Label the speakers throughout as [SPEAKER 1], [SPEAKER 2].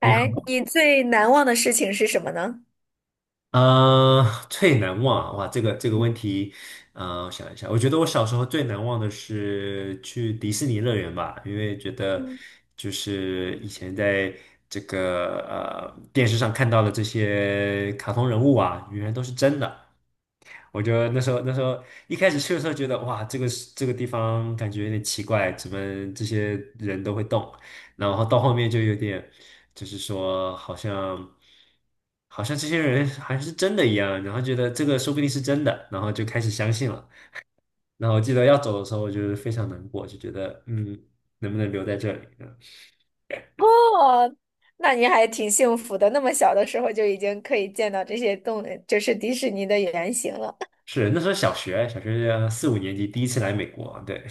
[SPEAKER 1] 你好，
[SPEAKER 2] 哎，你最难忘的事情是什么呢？
[SPEAKER 1] 呃，最难忘啊哇，这个问题，我想一下，我觉得我小时候最难忘的是去迪士尼乐园吧，因为觉得
[SPEAKER 2] 嗯，
[SPEAKER 1] 就是以前在这个电视上看到的这些卡通人物啊，原来都是真的，我就那时候一开始去的时候觉得哇，这个是这个地方感觉有点奇怪，怎么这些人都会动？然后到后面就有点，就是说好像这些人还是真的一样，然后觉得这个说不定是真的，然后就开始相信了。然后我记得要走的时候，我就是非常难过，就觉得嗯，能不能留在这里？嗯，
[SPEAKER 2] 哦，那你还挺幸福的，那么小的时候就已经可以见到这些动，就是迪士尼的原型了。
[SPEAKER 1] 是那时候小学4、5年级第一次来美国，对，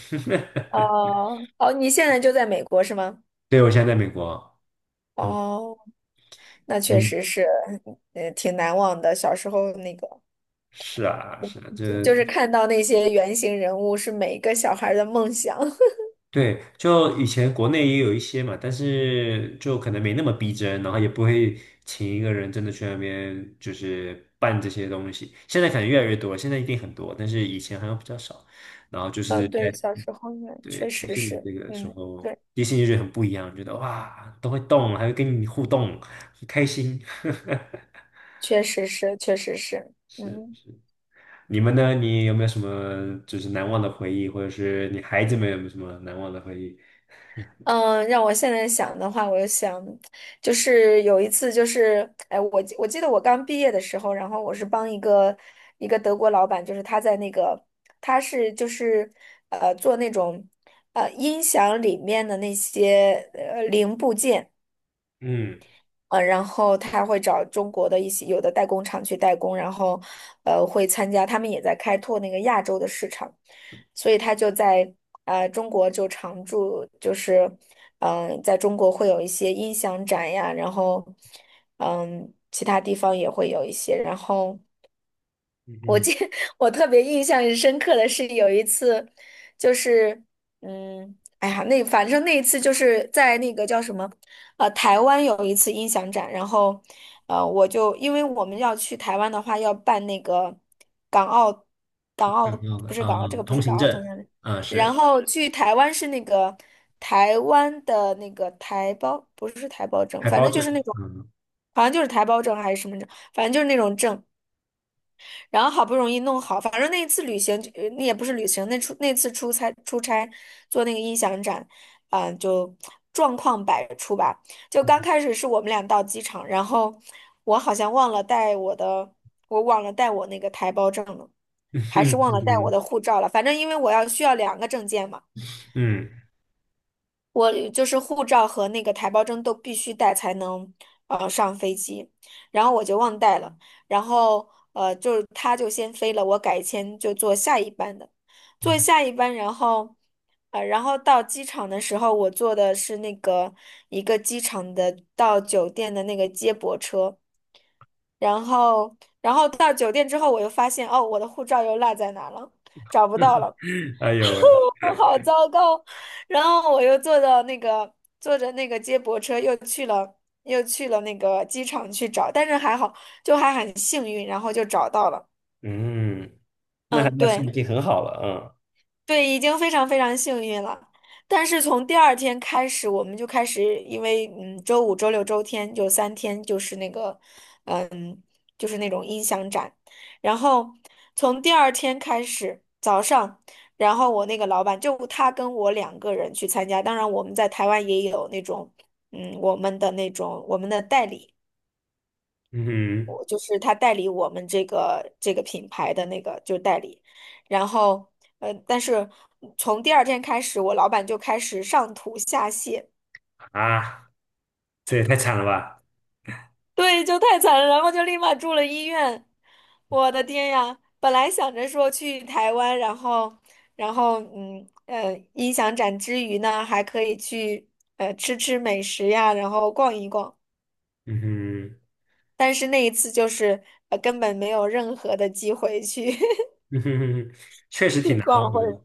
[SPEAKER 2] 哦，哦，你现在就在美国是吗？
[SPEAKER 1] 对我现在在美国，嗯嗯。
[SPEAKER 2] 哦，那确
[SPEAKER 1] 你
[SPEAKER 2] 实是，挺难忘的。小时候那个。
[SPEAKER 1] 是啊，是啊，
[SPEAKER 2] 就是看到那些原型人物是每一个小孩儿的梦想。
[SPEAKER 1] 对，就以前国内也有一些嘛，但是就可能没那么逼真，然后也不会请一个人真的去那边就是办这些东西。现在可能越来越多，现在一定很多，但是以前好像比较少。然后就是
[SPEAKER 2] 嗯，对，小时候呢，
[SPEAKER 1] 对，
[SPEAKER 2] 确
[SPEAKER 1] 迪
[SPEAKER 2] 实
[SPEAKER 1] 士尼
[SPEAKER 2] 是，
[SPEAKER 1] 这个时
[SPEAKER 2] 嗯，
[SPEAKER 1] 候，
[SPEAKER 2] 对，
[SPEAKER 1] 迪士尼就觉得很不一样，觉得哇都会动，还会跟你互动，很开心。
[SPEAKER 2] 确实是，确实是，
[SPEAKER 1] 是，
[SPEAKER 2] 嗯
[SPEAKER 1] 你们呢？你有没有什么就是难忘的回忆，或者是你孩子们有没有什么难忘的回忆？
[SPEAKER 2] 嗯，让我现在想的话，我就想，就是有一次，就是，哎，我记得我刚毕业的时候，然后我是帮一个德国老板，就是他在那个，他是就是做那种音响里面的那些零部件。
[SPEAKER 1] 嗯，
[SPEAKER 2] 然后他会找中国的一些有的代工厂去代工，然后会参加，他们也在开拓那个亚洲的市场，所以他就在中国就常驻，就是在中国会有一些音响展呀，然后其他地方也会有一些，然后。
[SPEAKER 1] 嗯，
[SPEAKER 2] 我
[SPEAKER 1] 嗯，
[SPEAKER 2] 记 我特别印象深刻的是有一次，就是嗯，哎呀，那反正那一次就是在那个叫什么，台湾有一次音响展，然后我就因为我们要去台湾的话，要办那个港澳港澳。
[SPEAKER 1] 有挺好
[SPEAKER 2] 不
[SPEAKER 1] 的，
[SPEAKER 2] 是港澳，这
[SPEAKER 1] 嗯，
[SPEAKER 2] 个不
[SPEAKER 1] 通
[SPEAKER 2] 是港
[SPEAKER 1] 行
[SPEAKER 2] 澳
[SPEAKER 1] 证，
[SPEAKER 2] 通行证，
[SPEAKER 1] 嗯，
[SPEAKER 2] 然
[SPEAKER 1] 是
[SPEAKER 2] 后去台湾是那个台湾的那个台胞，不是台胞证，
[SPEAKER 1] 海
[SPEAKER 2] 反
[SPEAKER 1] 胞
[SPEAKER 2] 正就
[SPEAKER 1] 证，
[SPEAKER 2] 是那种，
[SPEAKER 1] 嗯，
[SPEAKER 2] 好像就是台胞证还是什么证，反正就是那种证。然后好不容易弄好，反正那一次旅行，那也不是旅行，那出那次出差做那个音响展，就状况百出吧。就 刚开始是我们俩到机场，然后我好像忘了带我的，我忘了带我那个台胞证了，还是忘了带我
[SPEAKER 1] 嗯
[SPEAKER 2] 的护照了。反正因为我要需要两个证件嘛。
[SPEAKER 1] 嗯
[SPEAKER 2] 我就是护照和那个台胞证都必须带才能上飞机，然后我就忘带了，然后就是他就先飞了，我改签就坐下一班的，坐
[SPEAKER 1] 嗯
[SPEAKER 2] 下一班，然后然后到机场的时候，我坐的是那个一个机场的到酒店的那个接驳车，然后然后到酒店之后，我又发现哦我的护照又落在哪儿了，找不到
[SPEAKER 1] 嗯，
[SPEAKER 2] 了。
[SPEAKER 1] 哎呦喂，
[SPEAKER 2] 我好糟糕。然后我又坐到那个坐着那个接驳车，又去了那个机场去找，但是还好，就还很幸运，然后就找到了。
[SPEAKER 1] 嗯，那
[SPEAKER 2] 嗯，
[SPEAKER 1] 那算已
[SPEAKER 2] 对。
[SPEAKER 1] 经很好了，
[SPEAKER 2] 对，已经非常非常幸运了。但是从第二天开始，我们就开始，因为嗯，周五、周六、周天就三天，就是那个，嗯，就是那种音响展。然后从第二天开始，早上，然后我那个老板就他跟我两个人去参加。当然，我们在台湾也有那种，嗯，我们的那种我们的代理。
[SPEAKER 1] 嗯，嗯
[SPEAKER 2] 我就是他代理我们这个品牌的那个就代理，然后但是从第二天开始，我老板就开始上吐下泻，
[SPEAKER 1] 哼，啊，这也太惨了吧，
[SPEAKER 2] 对，就太惨了，然后就立马住了医院。我的天呀，本来想着说去台湾，然后，音响展之余呢，还可以去吃吃美食呀，然后逛一逛，
[SPEAKER 1] 嗯哼，
[SPEAKER 2] 但是那一次就是根本没有任何的机会去
[SPEAKER 1] 嗯哼哼哼，确实
[SPEAKER 2] 去
[SPEAKER 1] 挺难忘
[SPEAKER 2] 逛
[SPEAKER 1] 的，
[SPEAKER 2] 或者。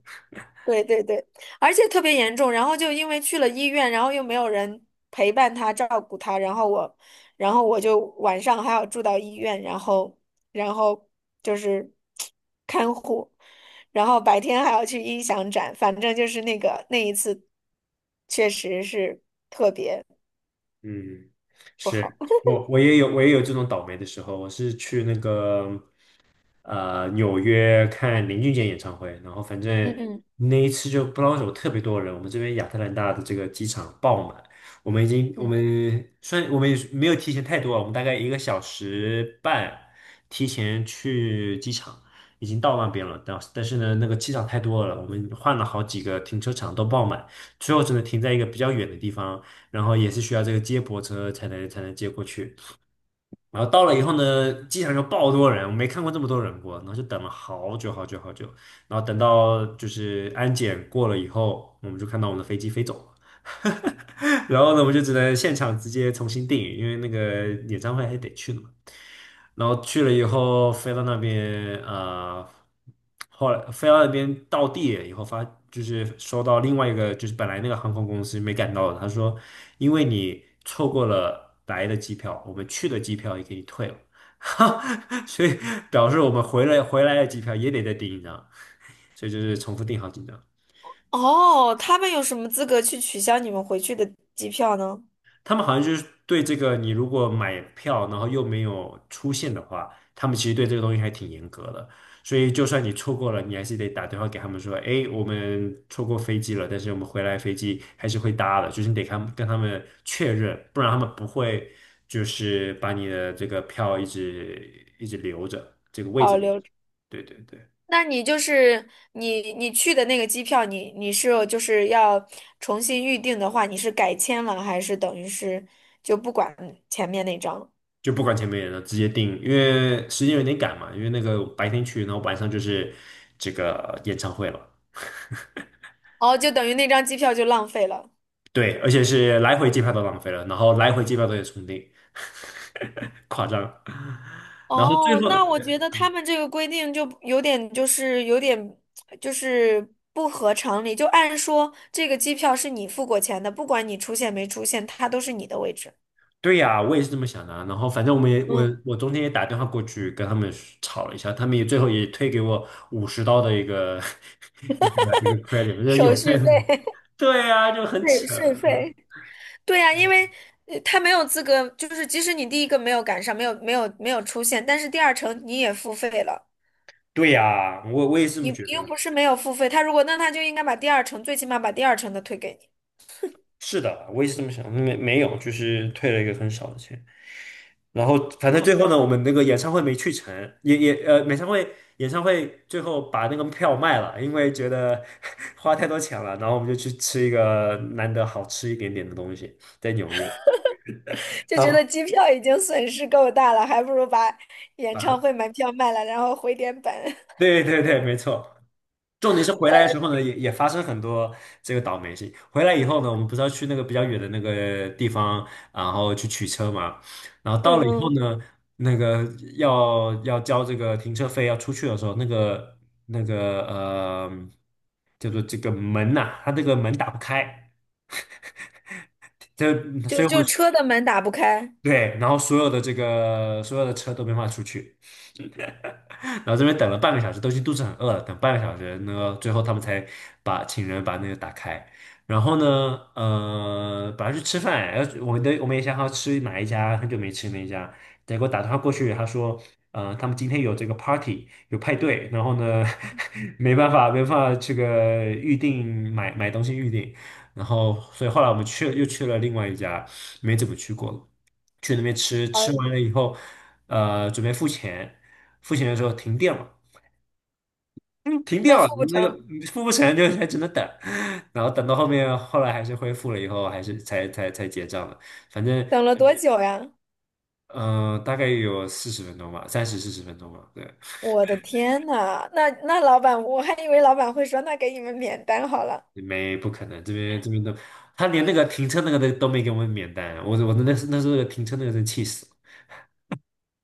[SPEAKER 2] 对对对，而且特别严重，然后就因为去了医院，然后又没有人陪伴他、照顾他，然后我，然后我就晚上还要住到医院，然后，然后就是 看护，然后白天还要去音响展，反正就是那个那一次，确实是
[SPEAKER 1] 嗯，
[SPEAKER 2] 不好。
[SPEAKER 1] 是 我我也有这种倒霉的时候，我是去那个纽约看林俊杰演唱会，然后反正
[SPEAKER 2] 嗯嗯
[SPEAKER 1] 那一次就不知道为什么特别多人，我们这边亚特兰大的这个机场爆满，我
[SPEAKER 2] 嗯。
[SPEAKER 1] 们虽然我们也是没有提前太多啊，我们大概1个小时半提前去机场，已经到那边了，但是呢那个机场太多了，我们换了好几个停车场都爆满，最后只能停在一个比较远的地方。然后也是需要这个接驳车才能接过去。然后到了以后呢，机场就爆多人，我没看过这么多人过，然后就等了好久好久好久，然后等到就是安检过了以后，我们就看到我们的飞机飞走了。然后呢，我就只能现场直接重新订，因为那个演唱会还得去的嘛。然后去了以后，飞到那边，后来飞到那边到地以后发，就是收到另外一个，就是本来那个航空公司没赶到的，他说，因为你错过了来的机票，我们去的机票也给你退了，所以表示我们回来的机票也得再订一张，所以就是重复订好几张。
[SPEAKER 2] 哦，他们有什么资格去取消你们回去的机票呢？
[SPEAKER 1] 他们好像就是对这个，你如果买票然后又没有出现的话，他们其实对这个东西还挺严格的。所以就算你错过了，你还是得打电话给他们说，哎，我们错过飞机了，但是我们回来飞机还是会搭的，就是你得看，跟他们确认，不然他们不会就是把你的这个票一直一直留着，这个位置
[SPEAKER 2] 保
[SPEAKER 1] 留着。
[SPEAKER 2] 留。
[SPEAKER 1] 对对对。
[SPEAKER 2] 那你就是你你去的那个机票你，你是就是要重新预定的话，你是改签了还是等于是就不管前面那张了？
[SPEAKER 1] 就不管前面人了，直接定，因为时间有点赶嘛，因为那个白天去，然后晚上就是这个演唱会了。
[SPEAKER 2] 哦，就等于那张机票就浪费了。
[SPEAKER 1] 对，而且是来回机票都浪费了，然后来回机票都得重订，夸张。然后最
[SPEAKER 2] 哦，
[SPEAKER 1] 后，
[SPEAKER 2] 那我觉得他们这个规定就有点就是有点就是不合常理。就按说这个机票是你付过钱的，不管你出现没出现，它都是你的位置。
[SPEAKER 1] 对呀、我也是这么想的啊然后反正我们也我
[SPEAKER 2] 嗯，
[SPEAKER 1] 我中间也打电话过去跟他们吵了一下，他们也最后也退给我50刀的一个 一个 credit，我说有
[SPEAKER 2] 手续费，
[SPEAKER 1] 对呀、就很
[SPEAKER 2] 税
[SPEAKER 1] 扯。
[SPEAKER 2] 税
[SPEAKER 1] 嗯，
[SPEAKER 2] 费。对呀，因为他没有资格，就是即使你第一个没有赶上，没有出现，但是第二程你也付费了，
[SPEAKER 1] 对呀、我也是这
[SPEAKER 2] 你
[SPEAKER 1] 么
[SPEAKER 2] 你
[SPEAKER 1] 觉
[SPEAKER 2] 又
[SPEAKER 1] 得。
[SPEAKER 2] 不是没有付费，他如果那他就应该把第二程，最起码把第二程的退给你，
[SPEAKER 1] 是的，我也是这么想，没有，就是退了一个很少的钱。然后反正最后呢，我们那个演唱会没去成，也演唱会最后把那个票卖了，因为觉得 花太多钱了，然后我们就去吃一个难得好吃一点点的东西，在纽约。
[SPEAKER 2] 就觉得
[SPEAKER 1] 啊，
[SPEAKER 2] 机票已经损失够大了，还不如把演唱
[SPEAKER 1] 啊，
[SPEAKER 2] 会门票卖了，然后回点本。
[SPEAKER 1] 对对对，没错。重点是 回
[SPEAKER 2] 我
[SPEAKER 1] 来
[SPEAKER 2] 的，
[SPEAKER 1] 的时候呢，也发生很多这个倒霉事。回来以后呢，我们不是要去那个比较远的那个地方，然后去取车嘛。然后
[SPEAKER 2] 嗯
[SPEAKER 1] 到了以后
[SPEAKER 2] 嗯，
[SPEAKER 1] 呢，那个要交这个停车费，要出去的时候，那个叫做这个门呐、它这个门打不开，这所
[SPEAKER 2] 就
[SPEAKER 1] 以我
[SPEAKER 2] 就
[SPEAKER 1] 们
[SPEAKER 2] 车的门打不开，
[SPEAKER 1] 对，然后所有的这个所有的车都没法出去。然后这边等了半个小时，都已经肚子很饿了，等半个小时，那个最后他们才把请人把那个打开。然后呢，本来去吃饭，然后我们也想好吃哪一家，很久没吃那一家，结果打电话过去，他说，他们今天有这个 party，有派对，然后呢，没办法，没办法这个预定买东西预定，然后所以后来我们去又去了另外一家，没怎么去过了，去那边吃，
[SPEAKER 2] 啊，
[SPEAKER 1] 吃完了以后，准备付钱。付钱的时候停电了，嗯，停电
[SPEAKER 2] 那付
[SPEAKER 1] 了，
[SPEAKER 2] 不
[SPEAKER 1] 那个
[SPEAKER 2] 成，
[SPEAKER 1] 付不成就还只能等，然后等到后面，后来还是恢复了以后，还是才结账的，反正
[SPEAKER 2] 等了多久呀？
[SPEAKER 1] 大概有四十分钟吧，30、40分钟吧，对，
[SPEAKER 2] 我的天呐，那那老板，我还以为老板会说，那给你们免单好了。
[SPEAKER 1] 没不可能，这边都，他连那个停车那个都没给我们免单，我那时候那个停车那个真气死了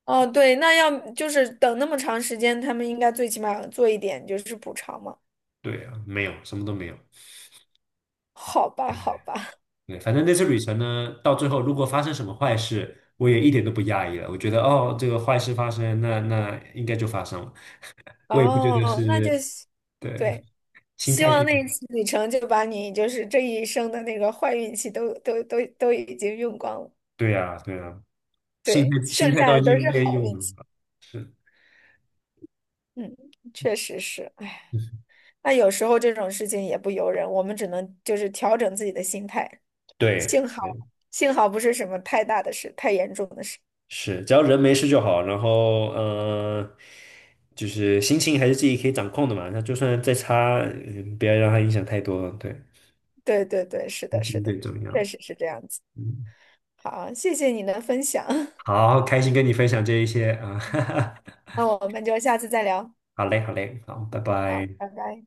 [SPEAKER 2] 哦，对，那要就是等那么长时间，他们应该最起码做一点就是补偿嘛。
[SPEAKER 1] 对啊，没有什么都没有，
[SPEAKER 2] 好吧，好吧，
[SPEAKER 1] 对，反正那次旅程呢，到最后如果发生什么坏事。我也一点都不讶异了，我觉得哦，这个坏事发生，那应该就发生了。我也不觉得
[SPEAKER 2] 哦，那
[SPEAKER 1] 是，
[SPEAKER 2] 就希
[SPEAKER 1] 对，
[SPEAKER 2] 对，
[SPEAKER 1] 心
[SPEAKER 2] 希
[SPEAKER 1] 态
[SPEAKER 2] 望
[SPEAKER 1] 是，
[SPEAKER 2] 那一次旅程就把你就是这一生的那个坏运气都已经用光了，
[SPEAKER 1] 对呀，对呀，心态
[SPEAKER 2] 对，
[SPEAKER 1] 心
[SPEAKER 2] 剩
[SPEAKER 1] 态
[SPEAKER 2] 下
[SPEAKER 1] 都已
[SPEAKER 2] 的都
[SPEAKER 1] 经
[SPEAKER 2] 是
[SPEAKER 1] 被
[SPEAKER 2] 好
[SPEAKER 1] 用
[SPEAKER 2] 运气。
[SPEAKER 1] 了。
[SPEAKER 2] 嗯，确实是，哎，那有时候这种事情也不由人，我们只能就是调整自己的心态。
[SPEAKER 1] 对，
[SPEAKER 2] 幸好，
[SPEAKER 1] 对，
[SPEAKER 2] 幸好不是什么太大的事，太严重的事。
[SPEAKER 1] 是，只要人没事就好。然后，就是心情还是自己可以掌控的嘛。那就算再差，不要让它影响太多了对，
[SPEAKER 2] 对对对，是
[SPEAKER 1] 开
[SPEAKER 2] 的，是
[SPEAKER 1] 心最
[SPEAKER 2] 的，
[SPEAKER 1] 重要。
[SPEAKER 2] 确实是这样子。
[SPEAKER 1] 嗯，
[SPEAKER 2] 好，谢谢你的分享，
[SPEAKER 1] 好，开心跟你分享这一些啊，哈哈。
[SPEAKER 2] 那我们就下次再聊。
[SPEAKER 1] 好嘞，好嘞，好，拜
[SPEAKER 2] 好，
[SPEAKER 1] 拜。
[SPEAKER 2] 拜拜。